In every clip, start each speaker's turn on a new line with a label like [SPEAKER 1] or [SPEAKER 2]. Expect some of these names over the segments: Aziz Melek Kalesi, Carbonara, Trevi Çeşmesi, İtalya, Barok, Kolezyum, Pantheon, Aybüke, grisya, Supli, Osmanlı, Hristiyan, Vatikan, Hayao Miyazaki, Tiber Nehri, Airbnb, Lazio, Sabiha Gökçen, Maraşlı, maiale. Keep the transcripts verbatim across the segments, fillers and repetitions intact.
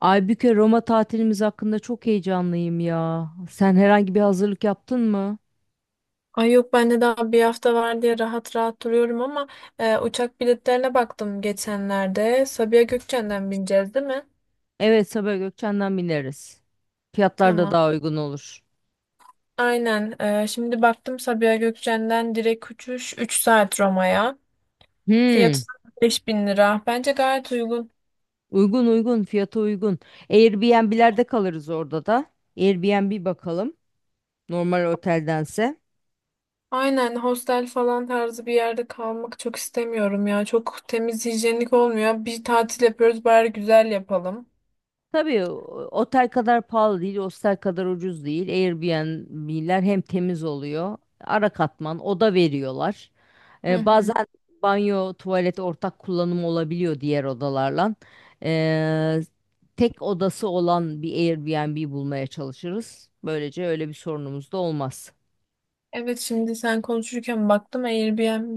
[SPEAKER 1] Aybüke Roma tatilimiz hakkında çok heyecanlıyım ya. Sen herhangi bir hazırlık yaptın mı?
[SPEAKER 2] Ay yok ben de daha bir hafta var diye rahat rahat duruyorum ama e, uçak biletlerine baktım geçenlerde. Sabiha Gökçen'den bineceğiz değil mi?
[SPEAKER 1] Evet, Sabiha Gökçen'den bineriz. Fiyatlar da
[SPEAKER 2] Tamam.
[SPEAKER 1] daha uygun olur.
[SPEAKER 2] Aynen. E, şimdi baktım Sabiha Gökçen'den direkt uçuş üç saat Roma'ya.
[SPEAKER 1] Hmm,
[SPEAKER 2] Fiyatı beş bin lira. Bence gayet uygun.
[SPEAKER 1] Uygun uygun fiyata uygun. Airbnb'lerde kalırız orada da. Airbnb bakalım normal oteldense.
[SPEAKER 2] Aynen, hostel falan tarzı bir yerde kalmak çok istemiyorum ya. Çok temiz hijyenik olmuyor. Bir tatil yapıyoruz, bari güzel yapalım.
[SPEAKER 1] Tabii o- otel kadar pahalı değil, hostel kadar ucuz değil. Airbnb'ler hem temiz oluyor, ara katman, oda veriyorlar.
[SPEAKER 2] Hı
[SPEAKER 1] Ee,
[SPEAKER 2] hı.
[SPEAKER 1] bazen banyo, tuvalet ortak kullanım olabiliyor diğer odalarla. Ee, tek odası olan bir Airbnb bulmaya çalışırız. Böylece öyle bir sorunumuz da olmaz.
[SPEAKER 2] Evet, şimdi sen konuşurken baktım Airbnb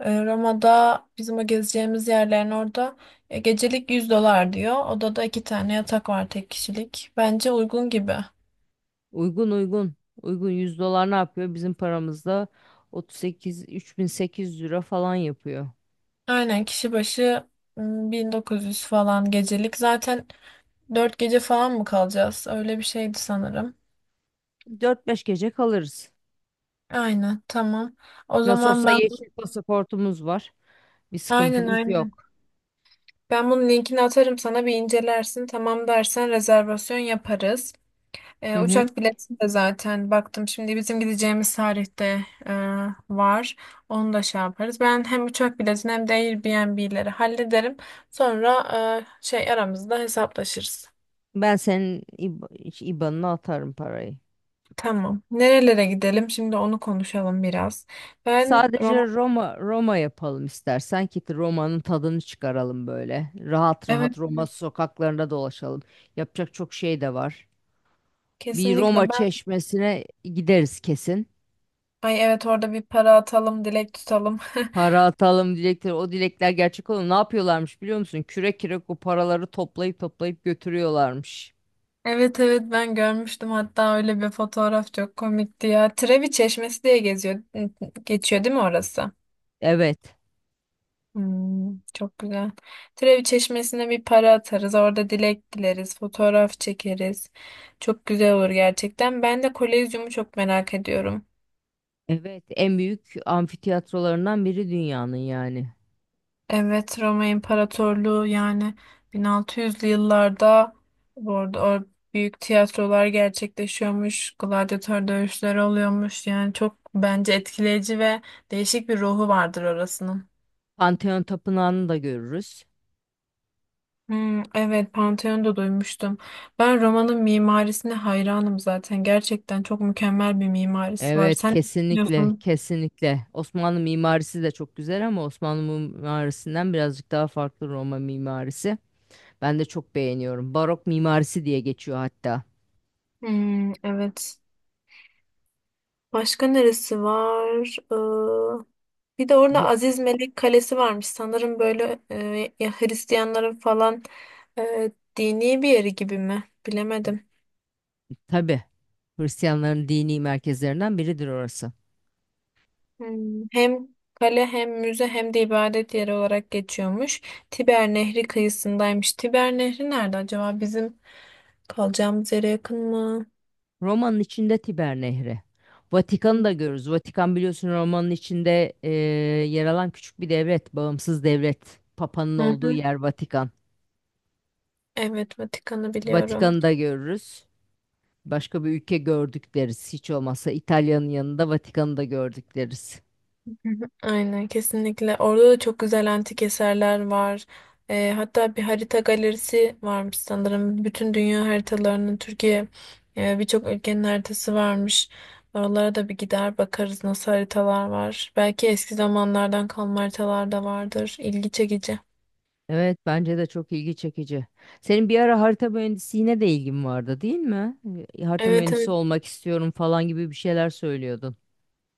[SPEAKER 2] e, Roma'da bizim o gezeceğimiz yerlerin orada e, gecelik yüz dolar diyor. Odada iki tane yatak var, tek kişilik. Bence uygun gibi.
[SPEAKER 1] Uygun uygun. Uygun yüz dolar ne yapıyor? Bizim paramızda otuz sekiz üç bin sekiz yüz lira falan yapıyor.
[SPEAKER 2] Aynen, kişi başı m, bin dokuz yüz falan gecelik. Zaten dört gece falan mı kalacağız? Öyle bir şeydi sanırım.
[SPEAKER 1] dört beş gece kalırız.
[SPEAKER 2] Aynen, tamam. O
[SPEAKER 1] Nasıl
[SPEAKER 2] zaman
[SPEAKER 1] olsa
[SPEAKER 2] ben.
[SPEAKER 1] yeşil pasaportumuz var. Bir
[SPEAKER 2] Aynen,
[SPEAKER 1] sıkıntımız
[SPEAKER 2] aynen.
[SPEAKER 1] yok.
[SPEAKER 2] Ben bunun linkini atarım, sana bir incelersin. Tamam dersen rezervasyon yaparız.
[SPEAKER 1] Hı
[SPEAKER 2] E,
[SPEAKER 1] hı.
[SPEAKER 2] uçak bileti de zaten baktım, şimdi bizim gideceğimiz tarihte e, var. Onu da şey yaparız. Ben hem uçak biletini hem de Airbnb'leri hallederim. Sonra e, şey, aramızda hesaplaşırız.
[SPEAKER 1] Ben senin İB- I B A N'ına atarım parayı.
[SPEAKER 2] Tamam. Nerelere gidelim? Şimdi onu konuşalım biraz. Ben Roma.
[SPEAKER 1] Sadece Roma Roma yapalım istersen ki Roma'nın tadını çıkaralım böyle. Rahat
[SPEAKER 2] Evet.
[SPEAKER 1] rahat Roma sokaklarında dolaşalım. Yapacak çok şey de var. Bir Roma
[SPEAKER 2] Kesinlikle, ben,
[SPEAKER 1] çeşmesine gideriz kesin.
[SPEAKER 2] ay evet, orada bir para atalım, dilek tutalım.
[SPEAKER 1] Para atalım dilekleri. O dilekler gerçek olur. Ne yapıyorlarmış biliyor musun? Kürek kürek o paraları toplayıp toplayıp götürüyorlarmış.
[SPEAKER 2] Evet, evet, ben görmüştüm hatta, öyle bir fotoğraf çok komikti ya. Trevi Çeşmesi diye geziyor geçiyor değil mi orası?
[SPEAKER 1] Evet.
[SPEAKER 2] Hmm, çok güzel. Trevi Çeşmesi'ne bir para atarız. Orada dilek dileriz. Fotoğraf çekeriz. Çok güzel olur gerçekten. Ben de Kolezyum'u çok merak ediyorum.
[SPEAKER 1] Evet, en büyük amfiteyatrolarından biri dünyanın yani.
[SPEAKER 2] Evet, Roma İmparatorluğu yani bin altı yüzlü yıllarda, bu arada, o büyük tiyatrolar gerçekleşiyormuş. Gladyatör dövüşleri oluyormuş. Yani çok bence etkileyici ve değişik bir ruhu vardır orasının.
[SPEAKER 1] Pantheon Tapınağı'nı da görürüz.
[SPEAKER 2] Hmm, evet, Pantheon'da duymuştum. Ben Roma'nın mimarisine hayranım zaten. Gerçekten çok mükemmel bir mimarisi var.
[SPEAKER 1] Evet,
[SPEAKER 2] Sen ne
[SPEAKER 1] kesinlikle,
[SPEAKER 2] düşünüyorsun?
[SPEAKER 1] kesinlikle. Osmanlı mimarisi de çok güzel ama Osmanlı mimarisinden birazcık daha farklı Roma mimarisi. Ben de çok beğeniyorum. Barok mimarisi diye geçiyor hatta.
[SPEAKER 2] Hmm, evet. Başka neresi var? Ee, bir de orada
[SPEAKER 1] Bu,
[SPEAKER 2] Aziz Melek Kalesi varmış. Sanırım böyle e, ya Hristiyanların falan e, dini bir yeri gibi mi? Bilemedim.
[SPEAKER 1] tabii, Hristiyanların dini merkezlerinden biridir orası.
[SPEAKER 2] Hmm, hem kale hem müze hem de ibadet yeri olarak geçiyormuş. Tiber Nehri kıyısındaymış. Tiber Nehri nerede acaba? Bizim kalacağımız yere yakın mı?
[SPEAKER 1] Roma'nın içinde Tiber Nehri. Vatikan'ı da görürüz. Vatikan biliyorsun Roma'nın içinde e, yer alan küçük bir devlet, bağımsız devlet. Papa'nın
[SPEAKER 2] Hı
[SPEAKER 1] olduğu
[SPEAKER 2] hı.
[SPEAKER 1] yer Vatikan.
[SPEAKER 2] Evet, Vatikan'ı biliyorum.
[SPEAKER 1] Vatikan'ı da görürüz. Başka bir ülke gördük deriz. Hiç olmazsa İtalya'nın yanında Vatikan'ı da gördük deriz.
[SPEAKER 2] Hı hı. Aynen, kesinlikle. Orada da çok güzel antik eserler var. Ee, hatta bir harita galerisi varmış sanırım. Bütün dünya haritalarının, Türkiye e, birçok ülkenin haritası varmış. Oralara da bir gider bakarız nasıl haritalar var. Belki eski zamanlardan kalma haritalar da vardır. İlgi çekici.
[SPEAKER 1] Evet, bence de çok ilgi çekici. Senin bir ara harita mühendisliğine de ilgin vardı, değil mi? E, Harita
[SPEAKER 2] Evet,
[SPEAKER 1] mühendisi
[SPEAKER 2] evet,
[SPEAKER 1] olmak istiyorum falan gibi bir şeyler söylüyordun.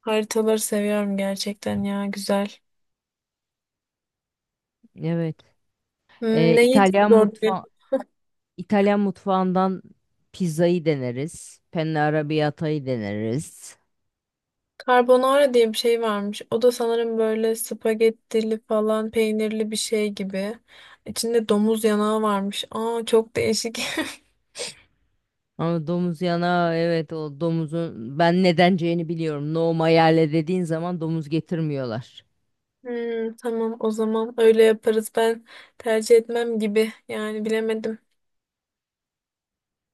[SPEAKER 2] haritaları seviyorum gerçekten ya, güzel.
[SPEAKER 1] Evet.
[SPEAKER 2] Hmm,
[SPEAKER 1] E,
[SPEAKER 2] ne
[SPEAKER 1] İtalyan
[SPEAKER 2] yiyeceğiz orada?
[SPEAKER 1] mutfağı İtalyan mutfağından pizzayı deneriz. Penne arrabbiata'yı deneriz.
[SPEAKER 2] Carbonara diye bir şey varmış. O da sanırım böyle spagettili falan, peynirli bir şey gibi. İçinde domuz yanağı varmış. Aa, çok değişik.
[SPEAKER 1] Ama domuz yana evet o domuzun ben nedenceğini biliyorum. No maiale dediğin zaman domuz getirmiyorlar.
[SPEAKER 2] Hmm, tamam, o zaman öyle yaparız. Ben tercih etmem gibi. Yani bilemedim.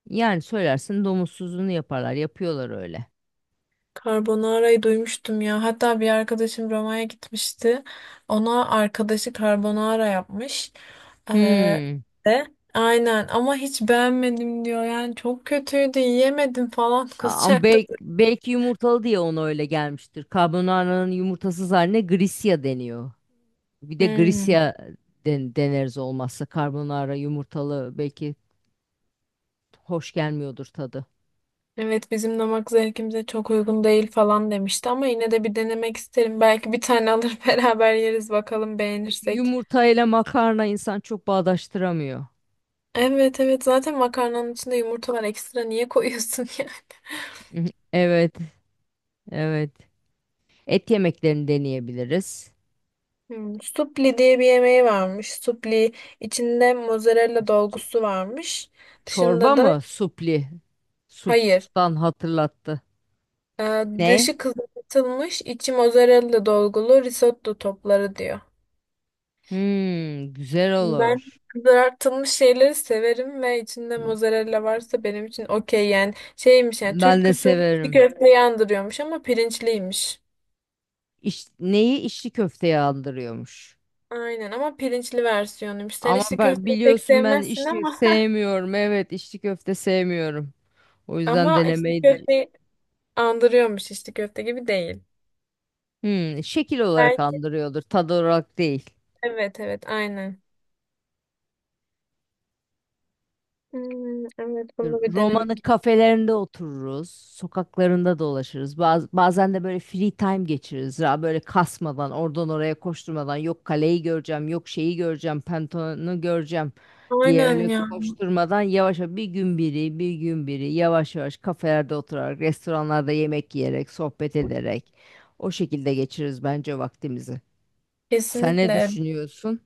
[SPEAKER 1] Yani söylersin, domuzsuzunu yaparlar. Yapıyorlar öyle.
[SPEAKER 2] Carbonara'yı duymuştum ya. Hatta bir arkadaşım Roma'ya gitmişti. Ona arkadaşı carbonara yapmış. Ee,
[SPEAKER 1] Hmm.
[SPEAKER 2] de aynen, ama hiç beğenmedim diyor. Yani çok kötüydü, yiyemedim falan
[SPEAKER 1] Ama
[SPEAKER 2] kızacaktım.
[SPEAKER 1] belki, belki yumurtalı diye ona öyle gelmiştir. Carbonara'nın yumurtasız haline grisya deniyor. Bir de
[SPEAKER 2] Hmm.
[SPEAKER 1] grisya den- deneriz olmazsa. Carbonara yumurtalı belki hoş gelmiyordur tadı.
[SPEAKER 2] Evet, bizim damak zevkimize çok uygun değil falan demişti, ama yine de bir denemek isterim. Belki bir tane alır beraber yeriz, bakalım beğenirsek.
[SPEAKER 1] Yumurtayla makarna insan çok bağdaştıramıyor.
[SPEAKER 2] Evet, evet, zaten makarnanın içinde yumurta var, ekstra niye koyuyorsun yani?
[SPEAKER 1] Mhm. Evet, evet. Et yemeklerini deneyebiliriz.
[SPEAKER 2] Hmm, supli diye bir yemeği varmış. Supli içinde mozzarella
[SPEAKER 1] Ç-
[SPEAKER 2] dolgusu varmış.
[SPEAKER 1] Çorba
[SPEAKER 2] Dışında da
[SPEAKER 1] mı? Supli.
[SPEAKER 2] hayır.
[SPEAKER 1] Suptan hatırlattı.
[SPEAKER 2] Ee,
[SPEAKER 1] Ne?
[SPEAKER 2] dışı kızartılmış, içi mozzarella dolgulu risotto topları diyor.
[SPEAKER 1] Hmm, güzel
[SPEAKER 2] Ben
[SPEAKER 1] olur.
[SPEAKER 2] kızartılmış şeyleri severim ve içinde mozzarella varsa benim için okey, yani şeymiş, yani
[SPEAKER 1] Ben
[SPEAKER 2] Türk
[SPEAKER 1] de
[SPEAKER 2] usulü içli
[SPEAKER 1] severim.
[SPEAKER 2] köfte yandırıyormuş ama pirinçliymiş.
[SPEAKER 1] İş, neyi içli köfteye andırıyormuş.
[SPEAKER 2] Aynen, ama pirinçli versiyonuymuş. Sen
[SPEAKER 1] Ama
[SPEAKER 2] içli
[SPEAKER 1] ben,
[SPEAKER 2] köfteyi pek
[SPEAKER 1] biliyorsun, ben
[SPEAKER 2] sevmezsin
[SPEAKER 1] içli
[SPEAKER 2] ama
[SPEAKER 1] sevmiyorum. Evet, içli köfte sevmiyorum. O yüzden
[SPEAKER 2] ama içli
[SPEAKER 1] denemeyi...
[SPEAKER 2] köfteyi andırıyormuş, içli köfte gibi değil.
[SPEAKER 1] Hmm, şekil olarak
[SPEAKER 2] Belki,
[SPEAKER 1] andırıyordur, tad olarak değil.
[SPEAKER 2] evet, evet, aynen. Hmm, evet, bunu bir
[SPEAKER 1] Roma'nın
[SPEAKER 2] denemek.
[SPEAKER 1] kafelerinde otururuz, sokaklarında dolaşırız. Baz- bazen de böyle free time geçiririz. Ya böyle kasmadan, oradan oraya koşturmadan, yok kaleyi göreceğim, yok şeyi göreceğim, Pantheon'u göreceğim diye
[SPEAKER 2] Aynen
[SPEAKER 1] öyle
[SPEAKER 2] ya.
[SPEAKER 1] koşturmadan, yavaş yavaş, bir gün biri, bir gün biri, yavaş yavaş kafelerde oturarak, restoranlarda yemek yiyerek, sohbet ederek o şekilde geçiririz bence vaktimizi. Sen ne
[SPEAKER 2] Kesinlikle.
[SPEAKER 1] düşünüyorsun?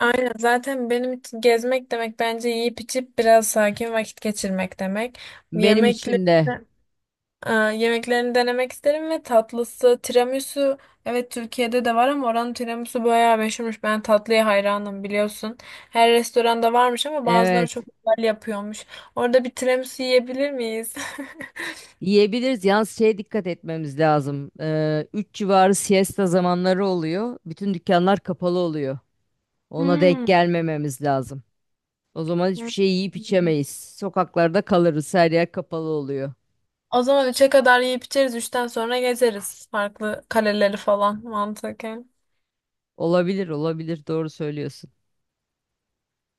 [SPEAKER 2] Aynen, zaten benim için gezmek demek bence yiyip içip biraz sakin vakit geçirmek demek.
[SPEAKER 1] Benim
[SPEAKER 2] Yemekleri,
[SPEAKER 1] için de
[SPEAKER 2] aa, yemeklerini denemek isterim ve tatlısı tiramisu, evet Türkiye'de de var ama oranın tiramisu bayağı meşhurmuş. Ben tatlıya hayranım, biliyorsun. Her restoranda varmış ama bazıları
[SPEAKER 1] evet.
[SPEAKER 2] çok güzel yapıyormuş. Orada bir tiramisu yiyebilir miyiz?
[SPEAKER 1] Yiyebiliriz. Yalnız şeye dikkat etmemiz lazım. Ee, üç civarı siesta zamanları oluyor. Bütün dükkanlar kapalı oluyor. Ona denk
[SPEAKER 2] Hmm.
[SPEAKER 1] gelmememiz lazım. O zaman
[SPEAKER 2] Hmm.
[SPEAKER 1] hiçbir şey yiyip içemeyiz. Sokaklarda kalırız. Her yer kapalı oluyor.
[SPEAKER 2] O zaman üçe kadar yiyip içeriz. Üçten sonra gezeriz farklı kaleleri falan mantıken.
[SPEAKER 1] Olabilir, olabilir. Doğru söylüyorsun.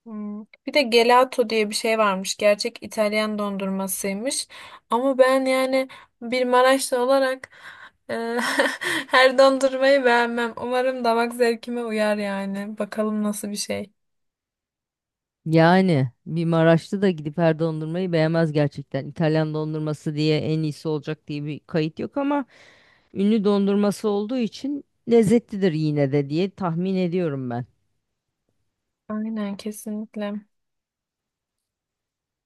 [SPEAKER 2] Hmm. Bir de gelato diye bir şey varmış. Gerçek İtalyan dondurmasıymış. Ama ben yani bir Maraşlı olarak e, her dondurmayı beğenmem. Umarım damak zevkime uyar yani. Bakalım nasıl bir şey.
[SPEAKER 1] Yani bir Maraşlı da gidip her dondurmayı beğenmez gerçekten. İtalyan dondurması diye en iyisi olacak diye bir kayıt yok ama ünlü dondurması olduğu için lezzetlidir yine de diye tahmin ediyorum ben.
[SPEAKER 2] Aynen, kesinlikle.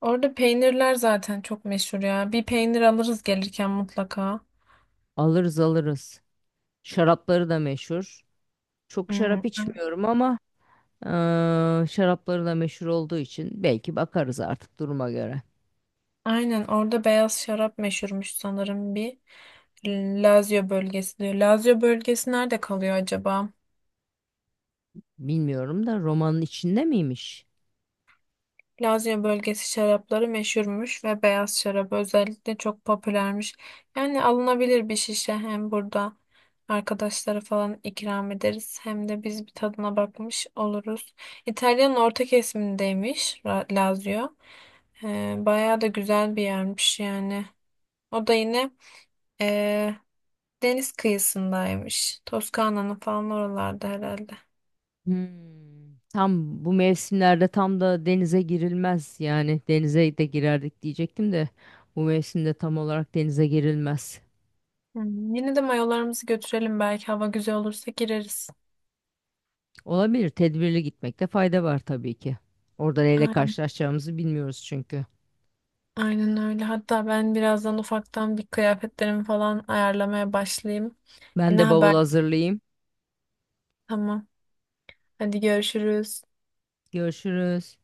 [SPEAKER 2] Orada peynirler zaten çok meşhur ya. Bir peynir alırız gelirken mutlaka.
[SPEAKER 1] Alırız alırız. Şarapları da meşhur. Çok şarap
[SPEAKER 2] Hmm.
[SPEAKER 1] içmiyorum ama eee, şarapları da meşhur olduğu için belki bakarız artık duruma göre.
[SPEAKER 2] Aynen, orada beyaz şarap meşhurmuş sanırım bir. Lazio bölgesi diyor. Lazio bölgesi nerede kalıyor acaba?
[SPEAKER 1] Bilmiyorum da romanın içinde miymiş?
[SPEAKER 2] Lazio bölgesi şarapları meşhurmuş ve beyaz şarap özellikle çok popülermiş. Yani alınabilir bir şişe, hem burada arkadaşlara falan ikram ederiz, hem de biz bir tadına bakmış oluruz. İtalya'nın orta kesimindeymiş, Ra- Lazio. Ee, bayağı da güzel bir yermiş yani. O da yine deniz kıyısındaymış. Toskana'nın falan oralarda herhalde.
[SPEAKER 1] Hmm. Tam bu mevsimlerde tam da denize girilmez. Yani denize de girerdik diyecektim de bu mevsimde tam olarak denize girilmez.
[SPEAKER 2] Hmm, yine de mayolarımızı götürelim, belki hava güzel olursa gireriz.
[SPEAKER 1] Olabilir. Tedbirli gitmekte fayda var tabii ki. Orada neyle
[SPEAKER 2] Aynen,
[SPEAKER 1] karşılaşacağımızı bilmiyoruz çünkü.
[SPEAKER 2] aynen öyle. Hatta ben birazdan ufaktan bir kıyafetlerimi falan ayarlamaya başlayayım.
[SPEAKER 1] Ben
[SPEAKER 2] Yine
[SPEAKER 1] de bavul
[SPEAKER 2] haber.
[SPEAKER 1] hazırlayayım.
[SPEAKER 2] Tamam. Hadi görüşürüz.
[SPEAKER 1] Görüşürüz.